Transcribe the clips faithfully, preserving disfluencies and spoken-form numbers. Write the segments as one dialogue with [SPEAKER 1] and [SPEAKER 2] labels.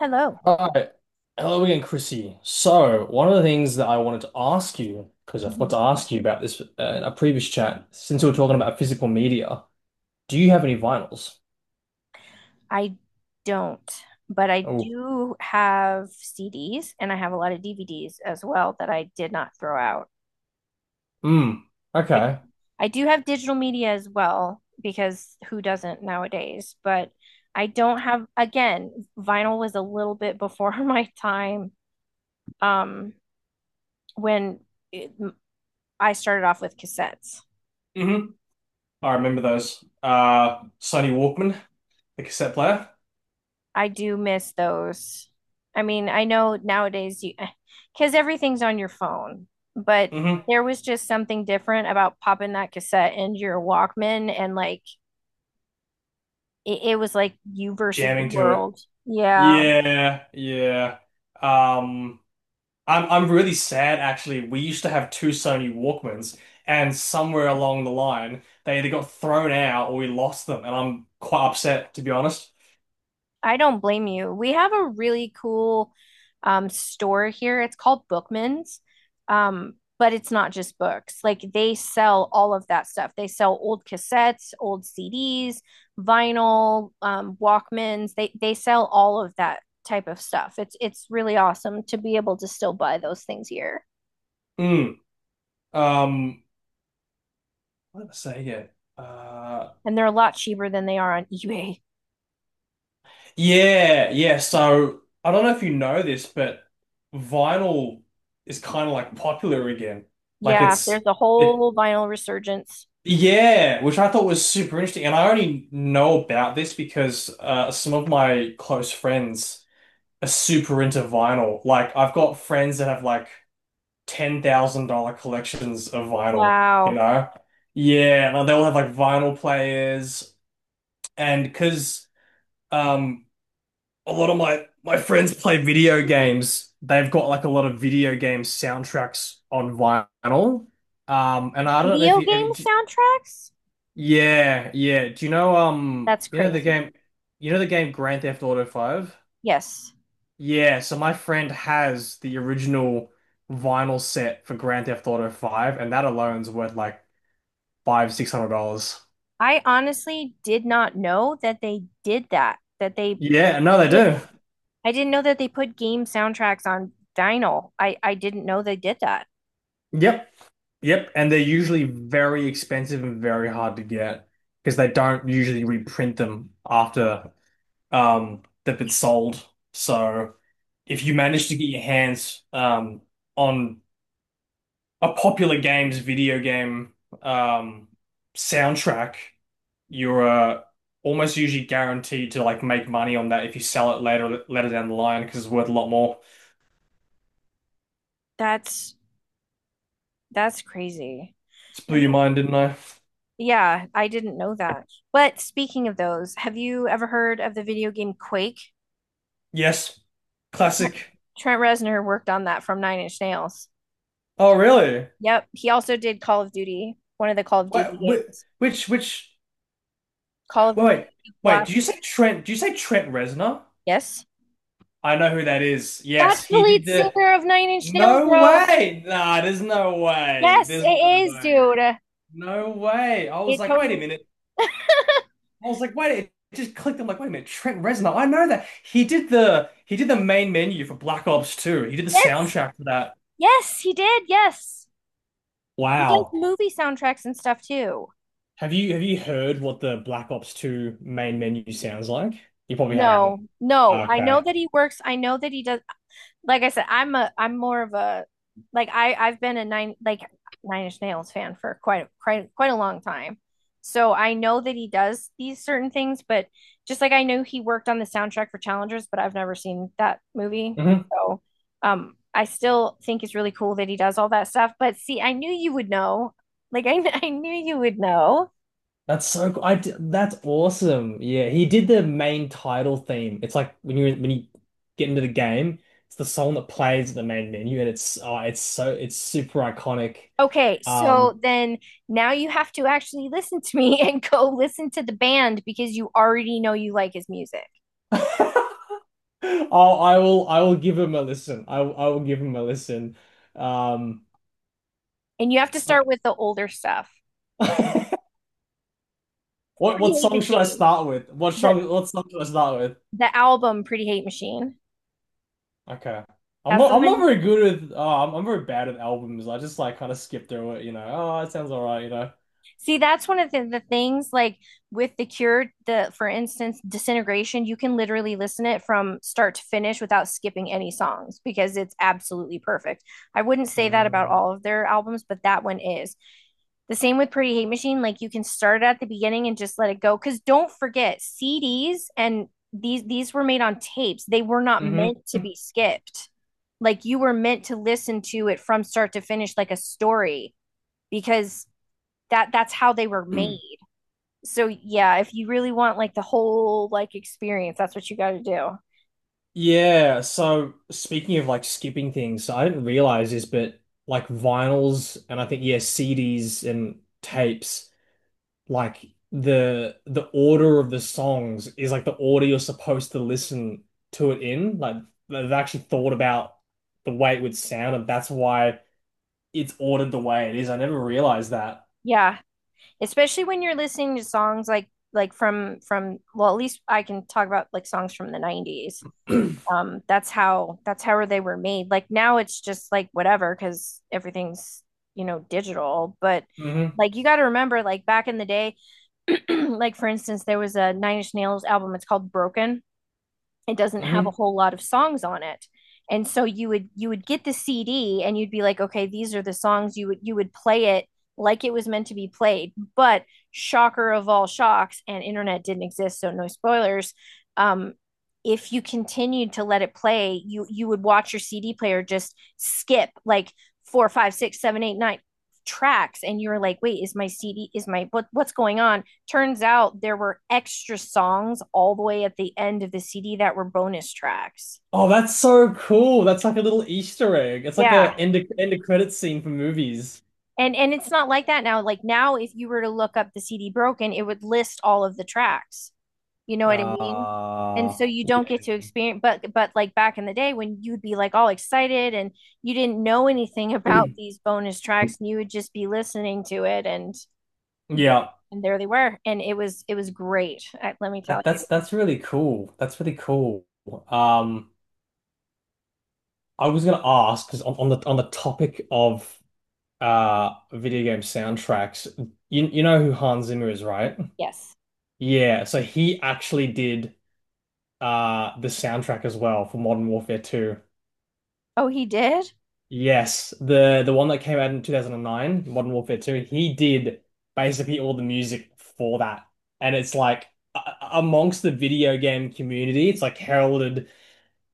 [SPEAKER 1] Hello.
[SPEAKER 2] All right. Hello again, Chrissy. So, one of the things that I wanted to ask you, because I forgot
[SPEAKER 1] Mhm.
[SPEAKER 2] to ask you about this uh, in a previous chat, since we were talking about physical media, do you have any vinyls?
[SPEAKER 1] I don't, but I
[SPEAKER 2] Oh,
[SPEAKER 1] do have C Ds and I have a lot of D V Ds as well that I did not throw out.
[SPEAKER 2] mm,
[SPEAKER 1] I
[SPEAKER 2] okay.
[SPEAKER 1] I do have digital media as well because who doesn't nowadays? But I don't have, again, vinyl was a little bit before my time um when it, I started off with cassettes.
[SPEAKER 2] Hmm. I remember those. Uh, Sony Walkman, the cassette player.
[SPEAKER 1] I do miss those. I mean, I know nowadays you, because everything's on your phone, but
[SPEAKER 2] Hmm.
[SPEAKER 1] there was just something different about popping that cassette into your Walkman and like it, it was like you versus the
[SPEAKER 2] Jamming to it.
[SPEAKER 1] world. Yeah.
[SPEAKER 2] Yeah, yeah. Um, I'm I'm really sad actually. We used to have two Sony Walkmans, and somewhere along the line, they either got thrown out or we lost them, and I'm quite upset to be honest.
[SPEAKER 1] I don't blame you. We have a really cool um, store here. It's called Bookman's, um, but it's not just books. Like they sell all of that stuff. They sell old cassettes, old C Ds, vinyl, um, Walkmans. They they sell all of that type of stuff. It's it's really awesome to be able to still buy those things here,
[SPEAKER 2] Mm. Um, what did I say here? Uh,
[SPEAKER 1] and they're a lot cheaper than they are on eBay.
[SPEAKER 2] yeah, yeah. So I don't know if you know this, but vinyl is kind of like popular again. Like
[SPEAKER 1] Yeah,
[SPEAKER 2] it's
[SPEAKER 1] there's a
[SPEAKER 2] it,
[SPEAKER 1] whole vinyl resurgence.
[SPEAKER 2] yeah, which I thought was super interesting, and I only know about this because uh, some of my close friends. Are super into vinyl. Like I've got friends that have like ten thousand dollar collections of vinyl, you
[SPEAKER 1] Wow.
[SPEAKER 2] know? Yeah, and they'll have like vinyl players and because um a lot of my my friends play video games, they've got like a lot of video game soundtracks on vinyl. Um and I don't know if
[SPEAKER 1] Video
[SPEAKER 2] you have
[SPEAKER 1] game
[SPEAKER 2] you d-
[SPEAKER 1] soundtracks?
[SPEAKER 2] yeah, yeah. Do you know um
[SPEAKER 1] That's
[SPEAKER 2] you know the
[SPEAKER 1] crazy.
[SPEAKER 2] game you know the game Grand Theft Auto five?
[SPEAKER 1] Yes.
[SPEAKER 2] Yeah, so my friend has the original vinyl set for Grand Theft Auto five, and that alone's worth like five, six hundred dollars.
[SPEAKER 1] I honestly did not know that they did that, that they
[SPEAKER 2] Yeah, no, they
[SPEAKER 1] put,
[SPEAKER 2] do.
[SPEAKER 1] I didn't know that they put game soundtracks on vinyl. I I didn't know they did that.
[SPEAKER 2] Yep, yep. And they're usually very expensive and very hard to get because they don't usually reprint them after um they've been sold. So if you manage to get your hands um on a popular game's video game um soundtrack, you're uh, almost usually guaranteed to like make money on that if you sell it later later down the line because it's worth a lot more.
[SPEAKER 1] That's that's crazy.
[SPEAKER 2] Just blew
[SPEAKER 1] Have
[SPEAKER 2] your
[SPEAKER 1] you?
[SPEAKER 2] mind, didn't I?
[SPEAKER 1] Yeah, I didn't know that. But speaking of those, have you ever heard of the video game Quake?
[SPEAKER 2] Yes,
[SPEAKER 1] Tre-
[SPEAKER 2] classic.
[SPEAKER 1] Trent Reznor worked on that from Nine Inch Nails.
[SPEAKER 2] Oh, really?
[SPEAKER 1] Yep, he also did Call of Duty, one of the Call of
[SPEAKER 2] Wait,
[SPEAKER 1] Duty
[SPEAKER 2] whi-
[SPEAKER 1] games.
[SPEAKER 2] which which?
[SPEAKER 1] Call of
[SPEAKER 2] Wait, wait,
[SPEAKER 1] Duty
[SPEAKER 2] wait.
[SPEAKER 1] Black.
[SPEAKER 2] Did you say Trent? Did you say Trent Reznor?
[SPEAKER 1] Yes.
[SPEAKER 2] I know who that is. Yes,
[SPEAKER 1] That's the
[SPEAKER 2] he did
[SPEAKER 1] lead
[SPEAKER 2] the.
[SPEAKER 1] singer of Nine Inch Nails,
[SPEAKER 2] No
[SPEAKER 1] bro.
[SPEAKER 2] way! Nah, there's no way.
[SPEAKER 1] Yes,
[SPEAKER 2] There's no
[SPEAKER 1] it is,
[SPEAKER 2] way.
[SPEAKER 1] dude.
[SPEAKER 2] No way. I was
[SPEAKER 1] It
[SPEAKER 2] like, wait a
[SPEAKER 1] totally.
[SPEAKER 2] minute. I was like, wait, it just clicked. I'm like, wait a minute, Trent Reznor. I know that he did the he did the main menu for Black Ops two. He did the
[SPEAKER 1] Yes,
[SPEAKER 2] soundtrack for that.
[SPEAKER 1] yes, he did. Yes, he does
[SPEAKER 2] Wow.
[SPEAKER 1] movie soundtracks and stuff too.
[SPEAKER 2] Have you have you heard what the Black Ops two main menu sounds like? You probably haven't.
[SPEAKER 1] No, no. I know
[SPEAKER 2] Okay.
[SPEAKER 1] that he works. I know that he does. like I said, I'm a I'm more of a like I I've been a nine like Nine Inch Nails fan for quite quite quite a long time. So I know that he does these certain things, but just like I know he worked on the soundtrack for Challengers, but I've never seen that movie.
[SPEAKER 2] Hmm.
[SPEAKER 1] So um I still think it's really cool that he does all that stuff. But see, I knew you would know. Like I kn- I knew you would know.
[SPEAKER 2] That's so cool. I d that's awesome. Yeah, he did the main title theme. It's like when you when you get into the game, it's the song that plays at the main menu and it's oh, it's so it's super iconic.
[SPEAKER 1] Okay,
[SPEAKER 2] Um
[SPEAKER 1] so then now you have to actually listen to me and go listen to the band because you already know you like his music.
[SPEAKER 2] I'll, I will I will give him a listen. I will- I will give him a listen. Um,
[SPEAKER 1] And you have to start with the older stuff.
[SPEAKER 2] what
[SPEAKER 1] Pretty
[SPEAKER 2] what
[SPEAKER 1] Hate
[SPEAKER 2] song should I
[SPEAKER 1] Machine.
[SPEAKER 2] start with? What
[SPEAKER 1] The
[SPEAKER 2] song what song should I start with?
[SPEAKER 1] the album Pretty Hate Machine.
[SPEAKER 2] Okay. I'm
[SPEAKER 1] That's
[SPEAKER 2] not
[SPEAKER 1] the
[SPEAKER 2] I'm not
[SPEAKER 1] one
[SPEAKER 2] very good with uh, I'm I'm very bad at albums. I just like kind of skip through it, you know. Oh, it sounds all right, you know.
[SPEAKER 1] See, that's one of the, the things like with the cure, the for instance, disintegration, you can literally listen it from start to finish without skipping any songs because it's absolutely perfect. I wouldn't say that about
[SPEAKER 2] Um,
[SPEAKER 1] all of their albums, but that one is. The same with Pretty Hate Machine, like you can start it at the beginning and just let it go. Cause don't forget, C Ds and these these were made on tapes. They were not
[SPEAKER 2] mhm.
[SPEAKER 1] meant to be skipped. Like you were meant to listen to it from start to finish like a story because that that's how they were made. So yeah, if you really want like the whole like experience, that's what you got to do.
[SPEAKER 2] Yeah, so speaking of like skipping things, so I didn't realize this, but like vinyls and I think yeah, C Ds and tapes. Like the the order of the songs is like the order you're supposed to listen to it in. Like they've actually thought about the way it would sound, and that's why it's ordered the way it is. I never realized that.
[SPEAKER 1] Yeah, especially when you're listening to songs like like from from well, at least I can talk about like songs from the nineties.
[SPEAKER 2] Hmm.
[SPEAKER 1] Um that's how that's how they were made. Like now it's just like whatever cuz everything's, you know, digital, but
[SPEAKER 2] Hmm.
[SPEAKER 1] like you got to remember like back in the day, like for instance there was a Nine Inch Nails album, it's called Broken. It doesn't have a whole lot of songs on it, and so you would you would get the CD and you'd be like, okay, these are the songs. You would you would play it like it was meant to be played. But shocker of all shocks, and internet didn't exist, so no spoilers. um if you continued to let it play, you you would watch your CD player just skip like four five six seven eight nine tracks, and you were like, wait, is my cd is my what, what's going on? Turns out there were extra songs all the way at the end of the C D that were bonus tracks.
[SPEAKER 2] Oh, that's so cool. That's like a little Easter egg. It's like a
[SPEAKER 1] Yeah.
[SPEAKER 2] end of, end of credit scene for movies.
[SPEAKER 1] And and it's not like that now. Like now if you were to look up the C D broken, it would list all of the tracks. You know what I mean? And so
[SPEAKER 2] Ah,
[SPEAKER 1] you don't get
[SPEAKER 2] yeah.
[SPEAKER 1] to experience, but but like back in the day when you'd be like all excited and you didn't know anything about these bonus tracks, and you would just be listening to it, and
[SPEAKER 2] Yeah.
[SPEAKER 1] and there they were, and it was it was great. I, let me tell
[SPEAKER 2] That,
[SPEAKER 1] you.
[SPEAKER 2] that's that's really cool. That's really cool. Um, I was gonna ask because on, on the on the topic of uh video game soundtracks. You you know who Hans Zimmer is, right?
[SPEAKER 1] Yes.
[SPEAKER 2] Yeah, so he actually did uh the soundtrack as well for Modern Warfare two.
[SPEAKER 1] Oh, he did?
[SPEAKER 2] Yes, the the one that came out in twenty oh nine, Modern Warfare two, he did basically all the music for that. And it's like a- amongst the video game community, it's like heralded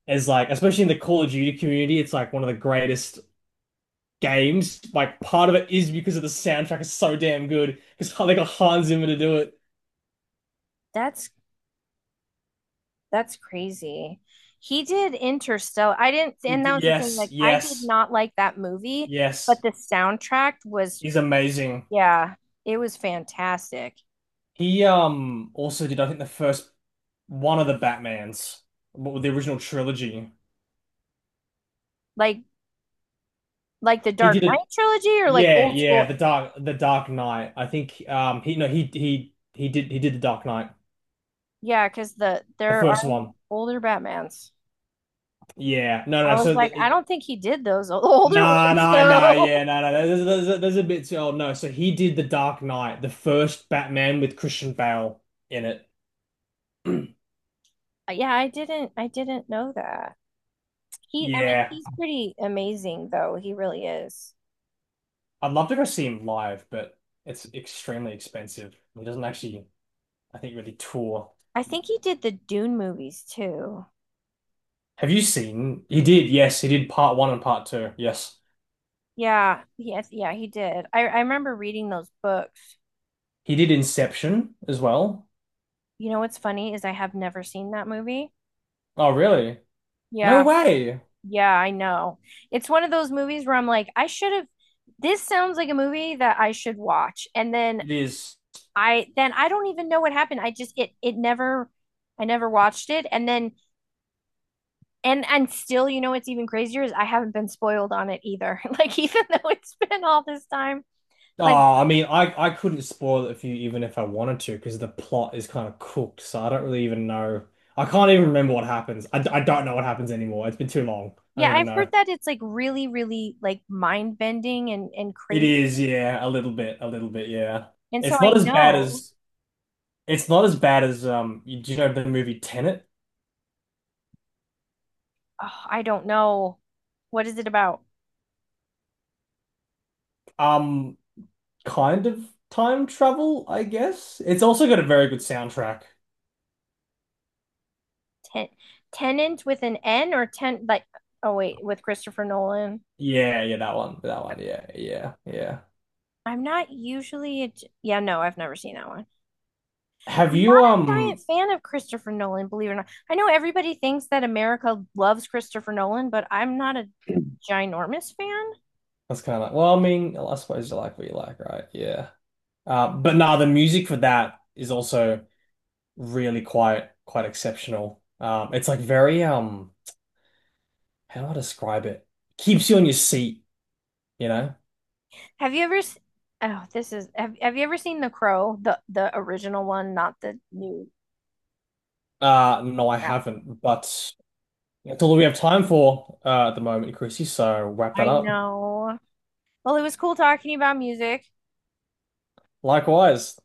[SPEAKER 2] as like especially in the Call of Duty community, it's like one of the greatest games, like part of it is because of the soundtrack is so damn good because they got Hans Zimmer to do it.
[SPEAKER 1] That's That's crazy. He did Interstellar. I didn't,
[SPEAKER 2] He
[SPEAKER 1] and that was the thing.
[SPEAKER 2] yes,
[SPEAKER 1] Like, I did
[SPEAKER 2] yes,
[SPEAKER 1] not like that movie, but
[SPEAKER 2] yes.
[SPEAKER 1] the soundtrack was,
[SPEAKER 2] He's amazing.
[SPEAKER 1] yeah, it was fantastic.
[SPEAKER 2] He um also did I think the first one of the Batmans, what with the original trilogy.
[SPEAKER 1] Like, like the
[SPEAKER 2] He
[SPEAKER 1] Dark
[SPEAKER 2] did
[SPEAKER 1] Knight
[SPEAKER 2] it.
[SPEAKER 1] trilogy or like
[SPEAKER 2] Yeah,
[SPEAKER 1] old
[SPEAKER 2] yeah. The
[SPEAKER 1] school.
[SPEAKER 2] Dark, the Dark Knight. I think um he no he he he did he did the Dark Knight,
[SPEAKER 1] Yeah, because the
[SPEAKER 2] the
[SPEAKER 1] there are
[SPEAKER 2] first one.
[SPEAKER 1] older Batmans.
[SPEAKER 2] Yeah, no,
[SPEAKER 1] I
[SPEAKER 2] no.
[SPEAKER 1] was
[SPEAKER 2] So
[SPEAKER 1] like, I
[SPEAKER 2] the,
[SPEAKER 1] don't think he did those o- older
[SPEAKER 2] nah,
[SPEAKER 1] ones
[SPEAKER 2] nah, nah, yeah,
[SPEAKER 1] though.
[SPEAKER 2] no, no, There's, there's, there's a bit too old. No, so he did The Dark Knight, the first Batman with Christian Bale in it.
[SPEAKER 1] Yeah, I didn't, I didn't know that. He, I mean,
[SPEAKER 2] Yeah,
[SPEAKER 1] he's pretty amazing though. He really is.
[SPEAKER 2] I'd love to go see him live, but it's extremely expensive. He doesn't actually, I think, really tour.
[SPEAKER 1] I think he did the Dune movies too.
[SPEAKER 2] Have you seen? He did, yes, he did part one and part two. Yes,
[SPEAKER 1] Yeah, yes, yeah, he did. I I remember reading those books.
[SPEAKER 2] he did Inception as well.
[SPEAKER 1] You know what's funny is I have never seen that movie.
[SPEAKER 2] Oh, really? No
[SPEAKER 1] Yeah.
[SPEAKER 2] way.
[SPEAKER 1] Yeah, I know. It's one of those movies where I'm like, I should have this sounds like a movie that I should watch. And then
[SPEAKER 2] It is.
[SPEAKER 1] I then I don't even know what happened. I just it it never I never watched it. And then and and still, you know what's even crazier is I haven't been spoiled on it either. Like even though it's been all this time, like
[SPEAKER 2] Oh, I mean, I, I couldn't spoil it for you even if I wanted to because the plot is kind of cooked. So I don't really even know. I can't even remember what happens. I, d- I don't know what happens anymore. It's been too long. I don't
[SPEAKER 1] yeah,
[SPEAKER 2] even
[SPEAKER 1] I've
[SPEAKER 2] know.
[SPEAKER 1] heard that it's like really, really like mind bending and and
[SPEAKER 2] It
[SPEAKER 1] crazy.
[SPEAKER 2] is, yeah, a little bit, a little bit, yeah.
[SPEAKER 1] And so
[SPEAKER 2] It's
[SPEAKER 1] I
[SPEAKER 2] not as bad
[SPEAKER 1] know,
[SPEAKER 2] as it's not as bad as um. you- Do you know the movie Tenet?
[SPEAKER 1] oh, I don't know. What is it about?
[SPEAKER 2] Um, kind of time travel, I guess. It's also got a very good soundtrack.
[SPEAKER 1] Ten Tenant with an N or ten like oh wait, with Christopher Nolan.
[SPEAKER 2] Yeah, yeah, that one, that one, yeah, yeah, yeah.
[SPEAKER 1] I'm not usually a, yeah, no, I've never seen that one.
[SPEAKER 2] Have
[SPEAKER 1] I'm
[SPEAKER 2] you
[SPEAKER 1] not a giant
[SPEAKER 2] um?
[SPEAKER 1] fan of Christopher Nolan, believe it or not. I know everybody thinks that America loves Christopher Nolan, but I'm not a ginormous fan.
[SPEAKER 2] That's kind of like, well, I mean, I suppose you like what you like, right? Yeah. Um, but nah, the music for that is also really quite quite exceptional. Um, it's like very um, how do I describe it? Keeps you on your seat, you know?
[SPEAKER 1] Have you ever s- oh, this is have, have you ever seen The Crow, the the original one, not the new?
[SPEAKER 2] Uh, no, I
[SPEAKER 1] Yeah,
[SPEAKER 2] haven't, but that's all we have time for uh, at the moment, Chrissy. So wrap that
[SPEAKER 1] I
[SPEAKER 2] up.
[SPEAKER 1] know. Well, it was cool talking about music.
[SPEAKER 2] Likewise.